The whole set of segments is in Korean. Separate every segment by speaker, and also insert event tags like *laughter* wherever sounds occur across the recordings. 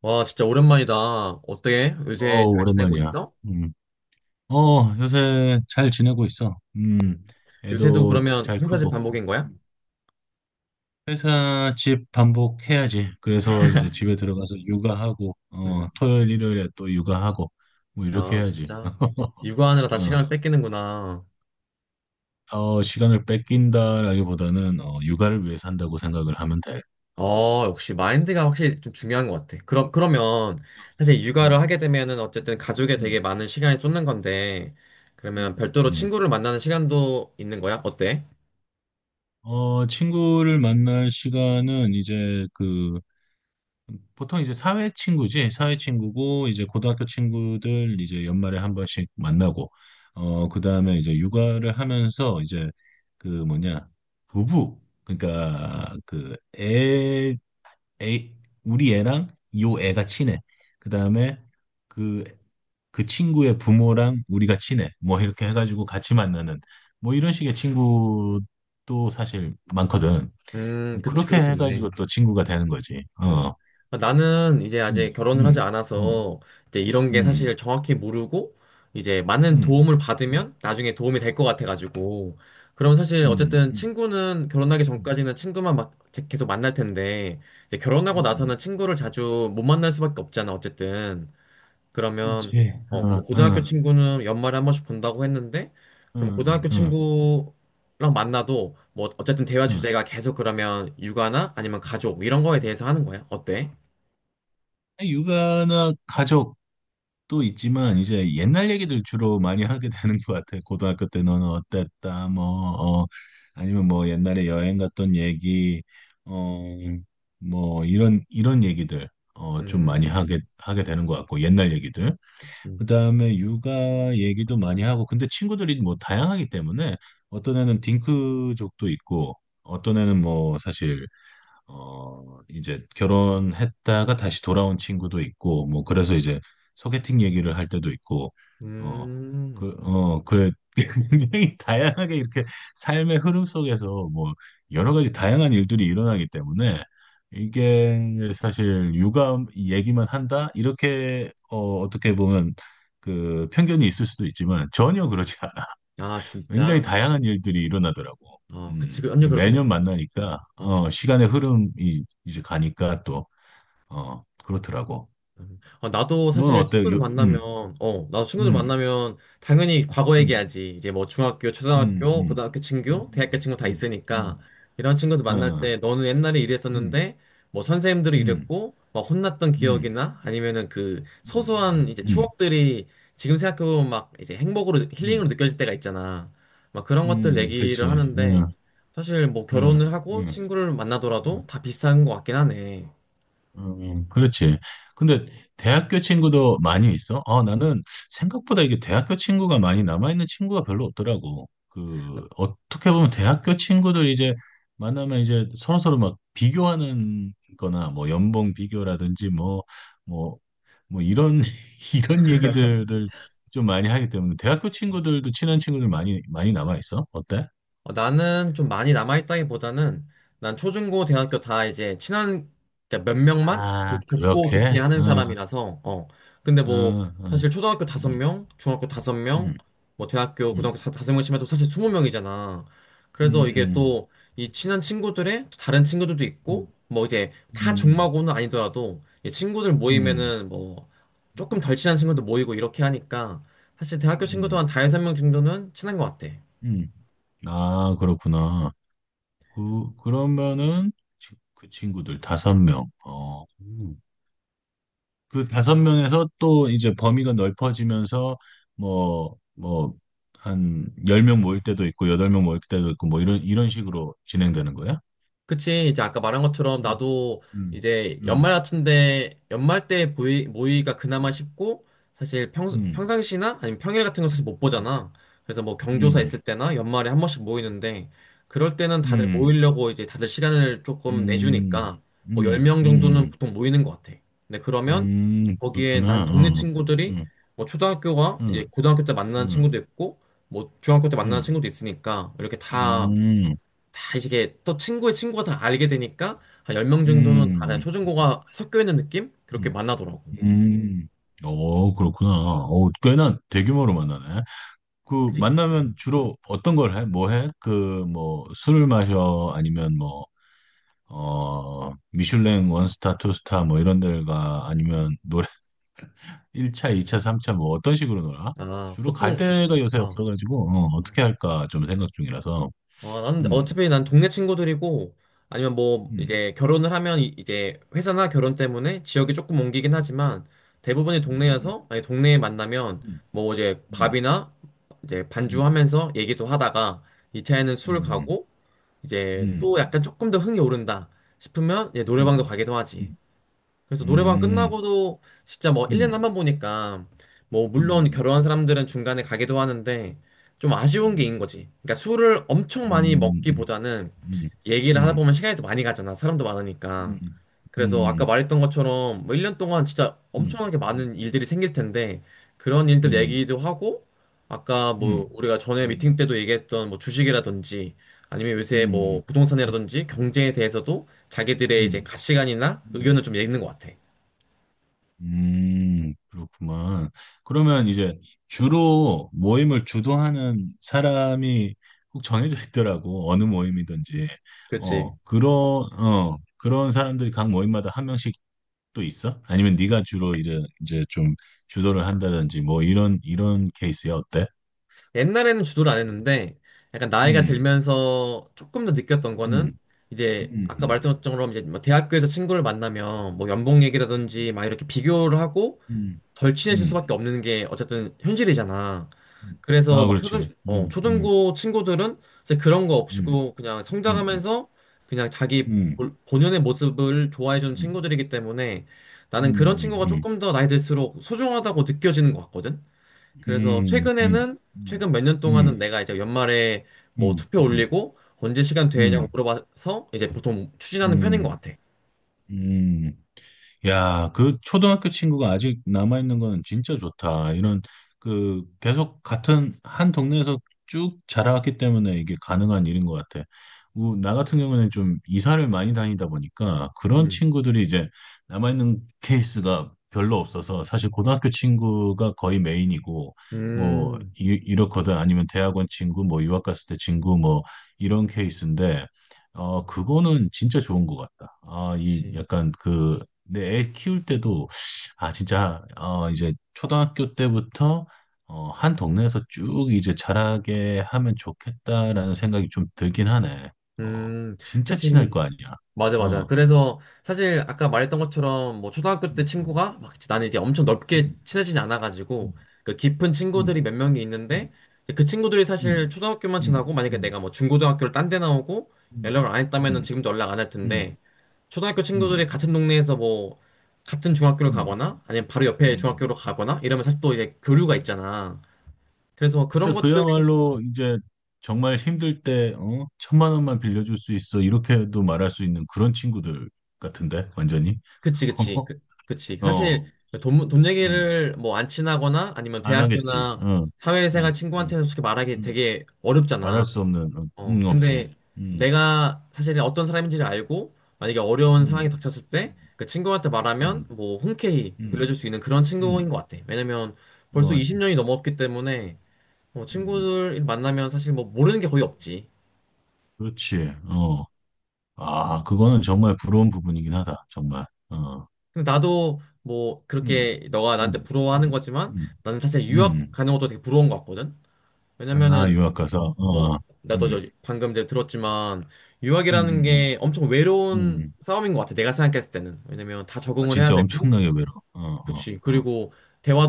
Speaker 1: 와, 진짜 오랜만이다. 어때? 요새
Speaker 2: 어우,
Speaker 1: 잘 지내고
Speaker 2: 오랜만이야.
Speaker 1: 있어?
Speaker 2: 음. 요새 잘 지내고 있어.
Speaker 1: 음. 요새도
Speaker 2: 애도
Speaker 1: 그러면
Speaker 2: 잘
Speaker 1: 회사 집
Speaker 2: 크고.
Speaker 1: 반복인 거야?
Speaker 2: 회사 집 반복해야지. 그래서 이제 집에 들어가서 육아하고,
Speaker 1: 음.
Speaker 2: 토요일, 일요일에 또 육아하고, 뭐 이렇게
Speaker 1: 아,
Speaker 2: 해야지.
Speaker 1: 진짜.
Speaker 2: *laughs*
Speaker 1: 육아하느라 다
Speaker 2: 어,
Speaker 1: 시간을 뺏기는구나.
Speaker 2: 더 시간을 뺏긴다라기보다는, 육아를 위해 산다고 생각을 하면 돼. 어,
Speaker 1: 어, 역시 마인드가 확실히 좀 중요한 것 같아. 그러면 사실 육아를
Speaker 2: 음,
Speaker 1: 하게 되면은 어쨌든 가족에 되게
Speaker 2: 음,
Speaker 1: 많은 시간이 쏟는 건데, 그러면
Speaker 2: 음,
Speaker 1: 별도로
Speaker 2: 음.
Speaker 1: 친구를 만나는 시간도 있는 거야? 어때?
Speaker 2: 친구를 만날 시간은 이제 보통 이제 사회 친구지, 사회 친구고, 이제 고등학교 친구들 이제 연말에 한 번씩 만나고, 그 다음에 이제 육아를 하면서 이제 그 뭐냐, 부부, 그러니까 애, 우리 애랑 요 애가 친해. 그 다음에 그, 그 친구의 부모랑 우리가 친해. 뭐 이렇게 해가지고 같이 만나는, 뭐 이런 식의 친구도 사실 많거든.
Speaker 1: 그치,
Speaker 2: 그렇게
Speaker 1: 그렇겠네.
Speaker 2: 해가지고 또 친구가 되는 거지. 어,
Speaker 1: 음. 나는 이제 아직
Speaker 2: 음,
Speaker 1: 결혼을 하지
Speaker 2: 음. 음.
Speaker 1: 않아서 이제 이런 게 사실
Speaker 2: 음,
Speaker 1: 정확히 모르고, 이제 많은
Speaker 2: 음,
Speaker 1: 도움을
Speaker 2: 음,
Speaker 1: 받으면 나중에 도움이 될 것 같아가지고. 그럼 사실
Speaker 2: 음,
Speaker 1: 어쨌든
Speaker 2: 음,
Speaker 1: 친구는 결혼하기
Speaker 2: 음,
Speaker 1: 전까지는 친구만 막 계속 만날 텐데 이제 결혼하고
Speaker 2: 음.
Speaker 1: 나서는 친구를 자주 못 만날 수밖에 없잖아, 어쨌든. 그러면
Speaker 2: 그렇지.
Speaker 1: 어,
Speaker 2: 어,
Speaker 1: 뭐 고등학교
Speaker 2: 어,
Speaker 1: 친구는 연말에 한 번씩 본다고 했는데,
Speaker 2: 어,
Speaker 1: 그럼 고등학교
Speaker 2: 어, 어,
Speaker 1: 친구랑 만나도 뭐 어쨌든 대화
Speaker 2: 어.
Speaker 1: 주제가 계속 그러면 육아나 아니면 가족 이런 거에 대해서 하는 거야? 어때?
Speaker 2: 육아나 가족도 있지만 이제 옛날 얘기들 주로 많이 하게 되는 것 같아. 고등학교 때 너는 어땠다, 뭐, 어, 아니면 뭐 옛날에 여행 갔던 얘기, 어, 뭐 이런 얘기들 좀 많이
Speaker 1: 음.
Speaker 2: 하게 되는 것 같고 옛날 얘기들. 그다음에 육아 얘기도 많이 하고 근데 친구들이 뭐 다양하기 때문에 어떤 애는 딩크족도 있고 어떤 애는 뭐 사실 이제 결혼했다가 다시 돌아온 친구도 있고, 뭐, 그래서 이제 소개팅 얘기를 할 때도 있고, 어,
Speaker 1: 음.
Speaker 2: 그래, *laughs* 굉장히 다양하게 이렇게 삶의 흐름 속에서 뭐, 여러 가지 다양한 일들이 일어나기 때문에, 이게 사실 육아 얘기만 한다? 이렇게, 어떻게 보면 그 편견이 있을 수도 있지만, 전혀 그렇지
Speaker 1: 아,
Speaker 2: 굉장히
Speaker 1: 진짜.
Speaker 2: 다양한 일들이 일어나더라고.
Speaker 1: 어, 그치. 그 완전
Speaker 2: 이
Speaker 1: 그렇게 돼.
Speaker 2: 매년 만나니까, 시간의 흐름이 이제 가니까 또, 그렇더라고.
Speaker 1: 음. 어, 나도
Speaker 2: 넌
Speaker 1: 사실
Speaker 2: 어때?
Speaker 1: 친구들 만나면, 나도 친구들
Speaker 2: 음,
Speaker 1: 만나면 당연히 과거
Speaker 2: 음,
Speaker 1: 얘기하지. 이제 뭐 중학교,
Speaker 2: 음,
Speaker 1: 초등학교,
Speaker 2: 음,
Speaker 1: 고등학교 친구, 대학교
Speaker 2: 음,
Speaker 1: 친구 다
Speaker 2: 음,
Speaker 1: 있으니까
Speaker 2: 음,
Speaker 1: 이런 친구들
Speaker 2: 어,
Speaker 1: 만날
Speaker 2: 어,
Speaker 1: 때 너는 옛날에
Speaker 2: 음,
Speaker 1: 이랬었는데 뭐 선생님들이
Speaker 2: 음,
Speaker 1: 이랬고 막 혼났던
Speaker 2: 음,
Speaker 1: 기억이나 아니면은 그
Speaker 2: 음,
Speaker 1: 소소한
Speaker 2: 음,
Speaker 1: 이제
Speaker 2: 음,
Speaker 1: 추억들이 지금 생각해보면 막 이제 행복으로,
Speaker 2: 음,
Speaker 1: 힐링으로
Speaker 2: 음,
Speaker 1: 느껴질 때가 있잖아. 막 그런 것들 얘기를
Speaker 2: 그렇지.
Speaker 1: 하는데,
Speaker 2: 응,
Speaker 1: 사실 뭐
Speaker 2: 응,
Speaker 1: 결혼을 하고
Speaker 2: 응.
Speaker 1: 친구를 만나더라도 다 비슷한 것 같긴 하네.
Speaker 2: 그렇지. 근데 대학교 친구도 많이 있어? 아, 나는 생각보다 이게 대학교 친구가 많이 남아있는 친구가 별로 없더라고. 어떻게 보면 대학교 친구들 이제 만나면 이제 서로서로 막 비교하는 거나 뭐 연봉 비교라든지 뭐, 뭐 이런, *laughs* 이런 얘기들을 좀 많이 하기 때문에 대학교 친구들도 친한 친구들 많이 남아있어? 어때?
Speaker 1: 어, 나는 좀 많이 남아있다기보다는, 난 초중고 대학교 다 이제 친한, 그러니까 몇 명만
Speaker 2: 아,
Speaker 1: 고 어, 깊게
Speaker 2: 그렇게?
Speaker 1: 하는
Speaker 2: 응,
Speaker 1: 사람이라서. 근데 뭐,
Speaker 2: 응, 응,
Speaker 1: 사실 초등학교 다섯
Speaker 2: 응,
Speaker 1: 명 중학교 다섯
Speaker 2: 응,
Speaker 1: 명 뭐 대학교 고등학교
Speaker 2: 응.
Speaker 1: 다섯 명씩 해도 사실 20명이잖아. 그래서 이게
Speaker 2: 음.
Speaker 1: 또, 이 친한 친구들의 또 다른 친구들도 있고,
Speaker 2: 음,
Speaker 1: 뭐 이제 다
Speaker 2: 음,
Speaker 1: 중마고는 아니더라도 이 친구들
Speaker 2: 음,
Speaker 1: 모이면은 뭐 조금 덜 친한 친구도 모이고 이렇게 하니까, 사실 대학교 친구도
Speaker 2: 음.
Speaker 1: 한 5명 정도는 친한 것 같아.
Speaker 2: 음. 아, 그렇구나. 그러면은 그 친구들 다섯 명. 어. 음. 그 다섯 명에서 또 이제 범위가 넓어지면서 뭐, 뭐, 한 열 명 모일 때도 있고, 여덟 명 모일 때도 있고, 뭐 이런 식으로 진행되는 거야?
Speaker 1: 그치, 이제 아까 말한 것처럼
Speaker 2: 음,
Speaker 1: 나도
Speaker 2: 음,
Speaker 1: 이제 연말
Speaker 2: 음,
Speaker 1: 같은데, 연말 때 모의가 그나마 쉽고, 사실 평,
Speaker 2: 음,
Speaker 1: 평상시나 아니면 평일 같은 건 사실 못
Speaker 2: 음,
Speaker 1: 보잖아. 그래서 뭐 경조사
Speaker 2: 음,
Speaker 1: 있을 때나 연말에 한 번씩 모이는데, 그럴 때는 다들
Speaker 2: 음,
Speaker 1: 모이려고 이제 다들 시간을 조금
Speaker 2: 음,
Speaker 1: 내주니까, 뭐
Speaker 2: 음,
Speaker 1: 10명 정도는
Speaker 2: 음,
Speaker 1: 보통 모이는 것 같아. 근데 그러면 거기에 난
Speaker 2: 그렇구나.
Speaker 1: 동네
Speaker 2: 어.
Speaker 1: 친구들이
Speaker 2: 음,
Speaker 1: 뭐 초등학교가 이제
Speaker 2: 음,
Speaker 1: 고등학교 때 만나는
Speaker 2: 음,
Speaker 1: 친구도 있고, 뭐 중학교 때 만나는
Speaker 2: 음,
Speaker 1: 친구도 있으니까, 이렇게 다
Speaker 2: 음,
Speaker 1: 다 이게 또 친구의 친구가 다 알게 되니까, 한 10명 정도는 다 그냥
Speaker 2: 음,
Speaker 1: 초중고가 섞여 있는 느낌? 그렇게
Speaker 2: 음,
Speaker 1: 만나더라고.
Speaker 2: 음. 어, 그렇구나. 어, 꽤나 대규모로 만나네. 그
Speaker 1: 그리
Speaker 2: 만나면 주로 어떤 걸 해? 뭐 해? 그 뭐 술을 마셔? 아니면 뭐 어, 미슐랭 원스타, 투스타 뭐 이런 데를 가? 아니면 노래 *laughs* 1차, 2차, 3차 뭐 어떤 식으로 놀아?
Speaker 1: 아,
Speaker 2: 주로 갈
Speaker 1: 보통
Speaker 2: 데가 요새
Speaker 1: 아,
Speaker 2: 없어가지고 어떻게 할까 좀 생각 중이라서.
Speaker 1: 어, 나는
Speaker 2: 음.
Speaker 1: 어차피 난 동네 친구들이고, 아니면 뭐
Speaker 2: 음.
Speaker 1: 이제 결혼을 하면 이제 회사나 결혼 때문에 지역이 조금 옮기긴 하지만, 대부분이
Speaker 2: 응응응응응응응응응응응응응응응응응응응응응응응응응응응응응응응응응응
Speaker 1: 동네여서. 아니 동네에 만나면 뭐 이제 밥이나 이제 반주하면서 얘기도 하다가, 이차에는술 가고, 이제 또 약간 조금 더 흥이 오른다 싶으면 이제 노래방도 가기도 하지. 그래서 노래방 끝나고도 진짜 뭐 1년에 한 번 보니까, 뭐 물론 결혼한 사람들은 중간에 가기도 하는데, 좀 아쉬운 게 있는 거지. 그러니까 술을 엄청 많이 먹기보다는 얘기를 하다 보면 시간이 더 많이 가잖아. 사람도 많으니까. 그래서 아까 말했던 것처럼 뭐 1년 동안 진짜 엄청나게 많은 일들이 생길 텐데 그런 일들 얘기도 하고, 아까 뭐 우리가 전에 미팅 때도 얘기했던 뭐 주식이라든지, 아니면 요새 뭐 부동산이라든지 경제에 대해서도 자기들의 이제 가치관이나 의견을 좀 읽는 것 같아.
Speaker 2: 그렇구만. 그러면 이제 주로 모임을 주도하는 사람이 꼭 정해져 있더라고. 어느 모임이든지.
Speaker 1: 그렇지.
Speaker 2: 어,
Speaker 1: 어,
Speaker 2: 그런, 그런 사람들이 각 모임마다 한 명씩 또 있어? 아니면 네가 주로 이제 좀 주도를 한다든지 뭐 이런 케이스야. 어때?
Speaker 1: 옛날에는 주도를 안 했는데, 약간 나이가
Speaker 2: 음,
Speaker 1: 들면서 조금 더 느꼈던 거는
Speaker 2: 음,
Speaker 1: 이제, 아까
Speaker 2: 음,
Speaker 1: 말했던 것처럼 이제 뭐 대학교에서 친구를 만나면 뭐 연봉 얘기라든지 막 이렇게 비교를 하고
Speaker 2: 음,
Speaker 1: 덜 친해질
Speaker 2: 음,
Speaker 1: 수밖에 없는 게 어쨌든 현실이잖아.
Speaker 2: 음.
Speaker 1: 그래서
Speaker 2: 아,
Speaker 1: 막
Speaker 2: 그렇지.
Speaker 1: 초등, 어, 초등부 친구들은 이제 그런 거
Speaker 2: 음,
Speaker 1: 없이고 그냥
Speaker 2: 음, 음,
Speaker 1: 성장하면서 그냥 자기
Speaker 2: 음,
Speaker 1: 본연의 모습을 좋아해주는
Speaker 2: 음,
Speaker 1: 친구들이기 때문에,
Speaker 2: 음,
Speaker 1: 나는 그런
Speaker 2: 음,
Speaker 1: 친구가
Speaker 2: 음.
Speaker 1: 조금 더 나이 들수록 소중하다고 느껴지는 것 같거든. 그래서
Speaker 2: 음, 음,
Speaker 1: 최근 몇 년 동안은
Speaker 2: 음,
Speaker 1: 내가 이제 연말에 뭐
Speaker 2: 음,
Speaker 1: 투표
Speaker 2: 음,
Speaker 1: 올리고 언제 시간 되냐고
Speaker 2: 음,
Speaker 1: 물어봐서 이제 보통 추진하는 편인
Speaker 2: 음,
Speaker 1: 것 같아.
Speaker 2: 음, 음. 야, 그 초등학교 친구가 아직 남아있는 건 진짜 좋다. 계속 같은 한 동네에서 쭉 자라왔기 때문에 이게 가능한 일인 것 같아. 나 같은 경우는 좀 이사를 많이 다니다 보니까 그런
Speaker 1: 음,
Speaker 2: 친구들이 이제 남아있는 케이스가 별로 없어서 사실 고등학교 친구가 거의 메인이고 뭐
Speaker 1: 음,
Speaker 2: 이렇거든. 아니면 대학원 친구 뭐 유학 갔을 때 친구 뭐 이런 케이스인데 그거는 진짜 좋은 것 같다. 아, 이
Speaker 1: 그치.
Speaker 2: 약간 그 근데 애 키울 때도 아 진짜 이제 초등학교 때부터 한 동네에서 쭉 이제 자라게 하면 좋겠다라는 생각이 좀 들긴 하네. 어
Speaker 1: 음,
Speaker 2: 진짜
Speaker 1: 그치.
Speaker 2: 친할 거 아니야.
Speaker 1: 맞아, 맞아.
Speaker 2: 어.
Speaker 1: 그래서 사실 아까 말했던 것처럼 뭐 초등학교 때
Speaker 2: 음,
Speaker 1: 친구가 막 이제, 나는 이제 엄청 넓게
Speaker 2: 음,
Speaker 1: 친해지지 않아가지고
Speaker 2: 음,
Speaker 1: 그 깊은
Speaker 2: 음,
Speaker 1: 친구들이 몇 명이 있는데, 그 친구들이 사실
Speaker 2: 음,
Speaker 1: 초등학교만
Speaker 2: 음,
Speaker 1: 지나고 만약에
Speaker 2: 음,
Speaker 1: 내가 뭐 중고등학교를 딴 데 나오고
Speaker 2: 음,
Speaker 1: 연락을 안
Speaker 2: 음,
Speaker 1: 했다면은
Speaker 2: 음,
Speaker 1: 지금도 연락 안 할
Speaker 2: 음,
Speaker 1: 텐데, 초등학교
Speaker 2: 음,
Speaker 1: 친구들이
Speaker 2: 음,
Speaker 1: 같은 동네에서 뭐 같은 중학교를
Speaker 2: 음,
Speaker 1: 가거나 아니면 바로
Speaker 2: 음,
Speaker 1: 옆에
Speaker 2: 음,
Speaker 1: 중학교로 가거나 이러면 사실 또 이제 교류가
Speaker 2: 음,
Speaker 1: 있잖아. 그래서 그런
Speaker 2: 진짜
Speaker 1: 것들.
Speaker 2: 그야말로 이제 정말 힘들 때, 어? 천만 원만 빌려줄 수 있어. 이렇게도 말할 수 있는 그런 친구들 같은데, 완전히.
Speaker 1: 그치, 그치,
Speaker 2: *laughs*
Speaker 1: 그치.
Speaker 2: 어, 어,
Speaker 1: 사실 그 돈
Speaker 2: 음,
Speaker 1: 얘기를 뭐, 안 친하거나 아니면
Speaker 2: 안 하겠지.
Speaker 1: 대학교나
Speaker 2: 응, 응,
Speaker 1: 사회생활
Speaker 2: 응,
Speaker 1: 친구한테는 솔직히 말하기
Speaker 2: 응.
Speaker 1: 되게
Speaker 2: 말할
Speaker 1: 어렵잖아.
Speaker 2: 수 없는, 응,
Speaker 1: 어,
Speaker 2: 응, 없지.
Speaker 1: 근데
Speaker 2: 응,
Speaker 1: 내가 사실 어떤 사람인지를 알고 만약에 어려운 상황이
Speaker 2: 응,
Speaker 1: 닥쳤을
Speaker 2: 응,
Speaker 1: 때 그 친구한테 말하면
Speaker 2: 응,
Speaker 1: 뭐 흔쾌히
Speaker 2: 응,
Speaker 1: 빌려줄 수 있는 그런 친구인
Speaker 2: 응.
Speaker 1: 것 같아. 왜냐면 벌써
Speaker 2: 어,
Speaker 1: 20년이 넘었기 때문에, 어,
Speaker 2: 음,
Speaker 1: 친구들 만나면 사실 뭐 모르는 게 거의 없지.
Speaker 2: 그렇지. 어. 아, 그거는 정말 부러운 부분이긴 하다. 정말. 어.
Speaker 1: 근데 나도 뭐
Speaker 2: 응,
Speaker 1: 그렇게, 너가 나한테
Speaker 2: 응,
Speaker 1: 부러워하는
Speaker 2: 응,
Speaker 1: 거지만,
Speaker 2: 응,
Speaker 1: 나는 사실 유학
Speaker 2: 응.
Speaker 1: 가는 것도 되게 부러운 것 같거든.
Speaker 2: 아,
Speaker 1: 왜냐면은
Speaker 2: 유학 가서, 어, 어.
Speaker 1: 어 나도
Speaker 2: 음,
Speaker 1: 방금 이제 들었지만,
Speaker 2: 음,
Speaker 1: 유학이라는
Speaker 2: 음,
Speaker 1: 게 엄청
Speaker 2: 음,
Speaker 1: 외로운
Speaker 2: 음.
Speaker 1: 싸움인 것 같아, 내가 생각했을 때는. 왜냐면 다
Speaker 2: 음. 아,
Speaker 1: 적응을 해야
Speaker 2: 진짜
Speaker 1: 되고,
Speaker 2: 엄청나게 외로워. 어, 어,
Speaker 1: 그치.
Speaker 2: 어,
Speaker 1: 그리고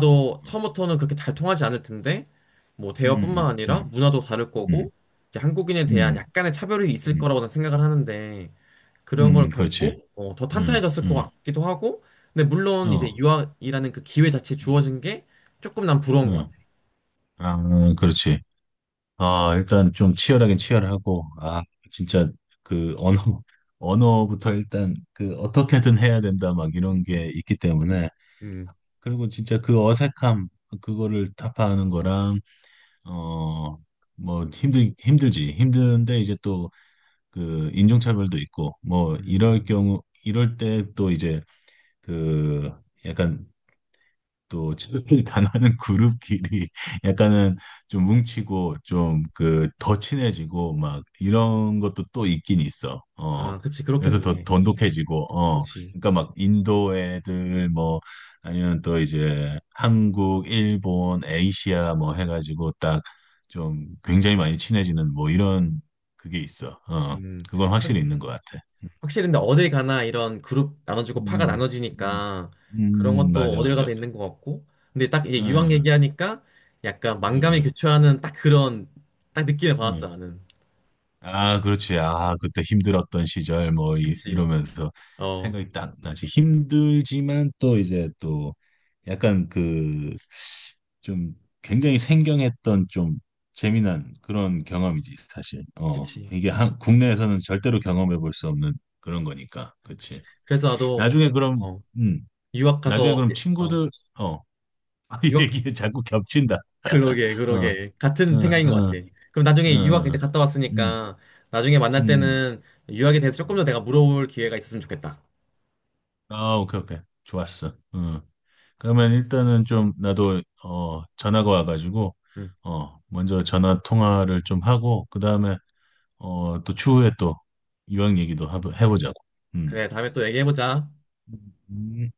Speaker 2: 어, 어.
Speaker 1: 처음부터는 그렇게 잘 통하지 않을 텐데, 뭐
Speaker 2: 음,
Speaker 1: 대화뿐만
Speaker 2: 음,
Speaker 1: 아니라
Speaker 2: 음,
Speaker 1: 문화도 다를
Speaker 2: 음,
Speaker 1: 거고, 이제 한국인에 대한
Speaker 2: 음,
Speaker 1: 약간의 차별이 있을
Speaker 2: 음,
Speaker 1: 거라고는 생각을 하는데, 그런 걸
Speaker 2: 그렇지.
Speaker 1: 겪고 어, 더
Speaker 2: 음,
Speaker 1: 탄탄해졌을 것
Speaker 2: 음,
Speaker 1: 같기도 하고. 근데 물론 이제
Speaker 2: 어,
Speaker 1: 유학이라는 그 기회 자체
Speaker 2: 음,
Speaker 1: 주어진 게 조금 난 부러운 것
Speaker 2: 음.
Speaker 1: 같아.
Speaker 2: 아, 그렇지. 아, 일단 좀 치열하긴 치열하고, 아, 진짜 그 언어, 언어부터 일단 그 어떻게든 해야 된다, 막 이런 게 있기 때문에.
Speaker 1: 음.
Speaker 2: 그리고 진짜 그 어색함, 그거를 타파하는 거랑, 어, 뭐, 힘들지. 힘든데, 이제 또, 인종차별도 있고, 뭐, 이럴
Speaker 1: 음.
Speaker 2: 경우, 이럴 때 또 이제, 그, 약간 또 체육을 당하는 *laughs* 그룹끼리 약간은 좀 뭉치고 좀 그 더 친해지고 막 이런 것도 또 있긴 있어. 어.
Speaker 1: 아, 그치,
Speaker 2: 그래서 더
Speaker 1: 그렇겠네.
Speaker 2: 돈독해지고 어.
Speaker 1: 그렇지.
Speaker 2: 그러니까 막 인도 애들 뭐 아니면 또 이제 한국, 일본, 에이시아 뭐 해가지고 딱 좀 굉장히 많이 친해지는 뭐 이런 그게 있어. 어.
Speaker 1: 음.
Speaker 2: 그건
Speaker 1: 확-
Speaker 2: 확실히 있는 것 같아.
Speaker 1: 확실히 근데 어딜 가나 이런 그룹 나눠주고 파가
Speaker 2: 음, 음,
Speaker 1: 나눠지니까 그런 것도. 음.
Speaker 2: 맞아,
Speaker 1: 어딜
Speaker 2: 맞아.
Speaker 1: 가도 있는 것 같고. 근데 딱 이제 유학
Speaker 2: 응,
Speaker 1: 얘기하니까 약간
Speaker 2: 응,
Speaker 1: 만감이
Speaker 2: 응,
Speaker 1: 교차하는 딱 그런 딱 느낌을 받았어,
Speaker 2: 응.
Speaker 1: 나는.
Speaker 2: 아, 그렇지. 아, 그때 힘들었던 시절 뭐
Speaker 1: 그치.
Speaker 2: 이러면서
Speaker 1: 어,
Speaker 2: 생각이 딱 나지. 힘들지만 또 이제 또 약간 그 좀 굉장히 생경했던 좀 재미난 그런 경험이지, 사실. 어,
Speaker 1: 그치.
Speaker 2: 이게 국내에서는 절대로 경험해 볼 수 없는 그런 거니까.
Speaker 1: 그치.
Speaker 2: 그렇지.
Speaker 1: 그래서 나도,
Speaker 2: 나중에 그럼
Speaker 1: 어,
Speaker 2: 음,
Speaker 1: 유학
Speaker 2: 나중에
Speaker 1: 가서,
Speaker 2: 그럼
Speaker 1: 어,
Speaker 2: 친구들 어,
Speaker 1: 유학,
Speaker 2: *laughs* 얘기에 자꾸 겹친다.
Speaker 1: 그러게
Speaker 2: 어, 어,
Speaker 1: 그러게, 같은 생각인 것
Speaker 2: 어,
Speaker 1: 같아. 그럼
Speaker 2: 어,
Speaker 1: 나중에 유학 이제
Speaker 2: 어,
Speaker 1: 갔다
Speaker 2: 음,
Speaker 1: 왔으니까 나중에 만날 때는 유학에 대해서 조금 더
Speaker 2: 음.
Speaker 1: 내가 물어볼 기회가 있었으면 좋겠다.
Speaker 2: 아, 오케이, 오케이. 좋았어. 음. 그러면 일단은 좀 나도 전화가 와가지고
Speaker 1: 응.
Speaker 2: 먼저 전화 통화를 좀 하고 그 다음에 또 추후에 또 유학 얘기도 해보자고. 음.
Speaker 1: 그래, 다음에 또 얘기해보자.
Speaker 2: 음.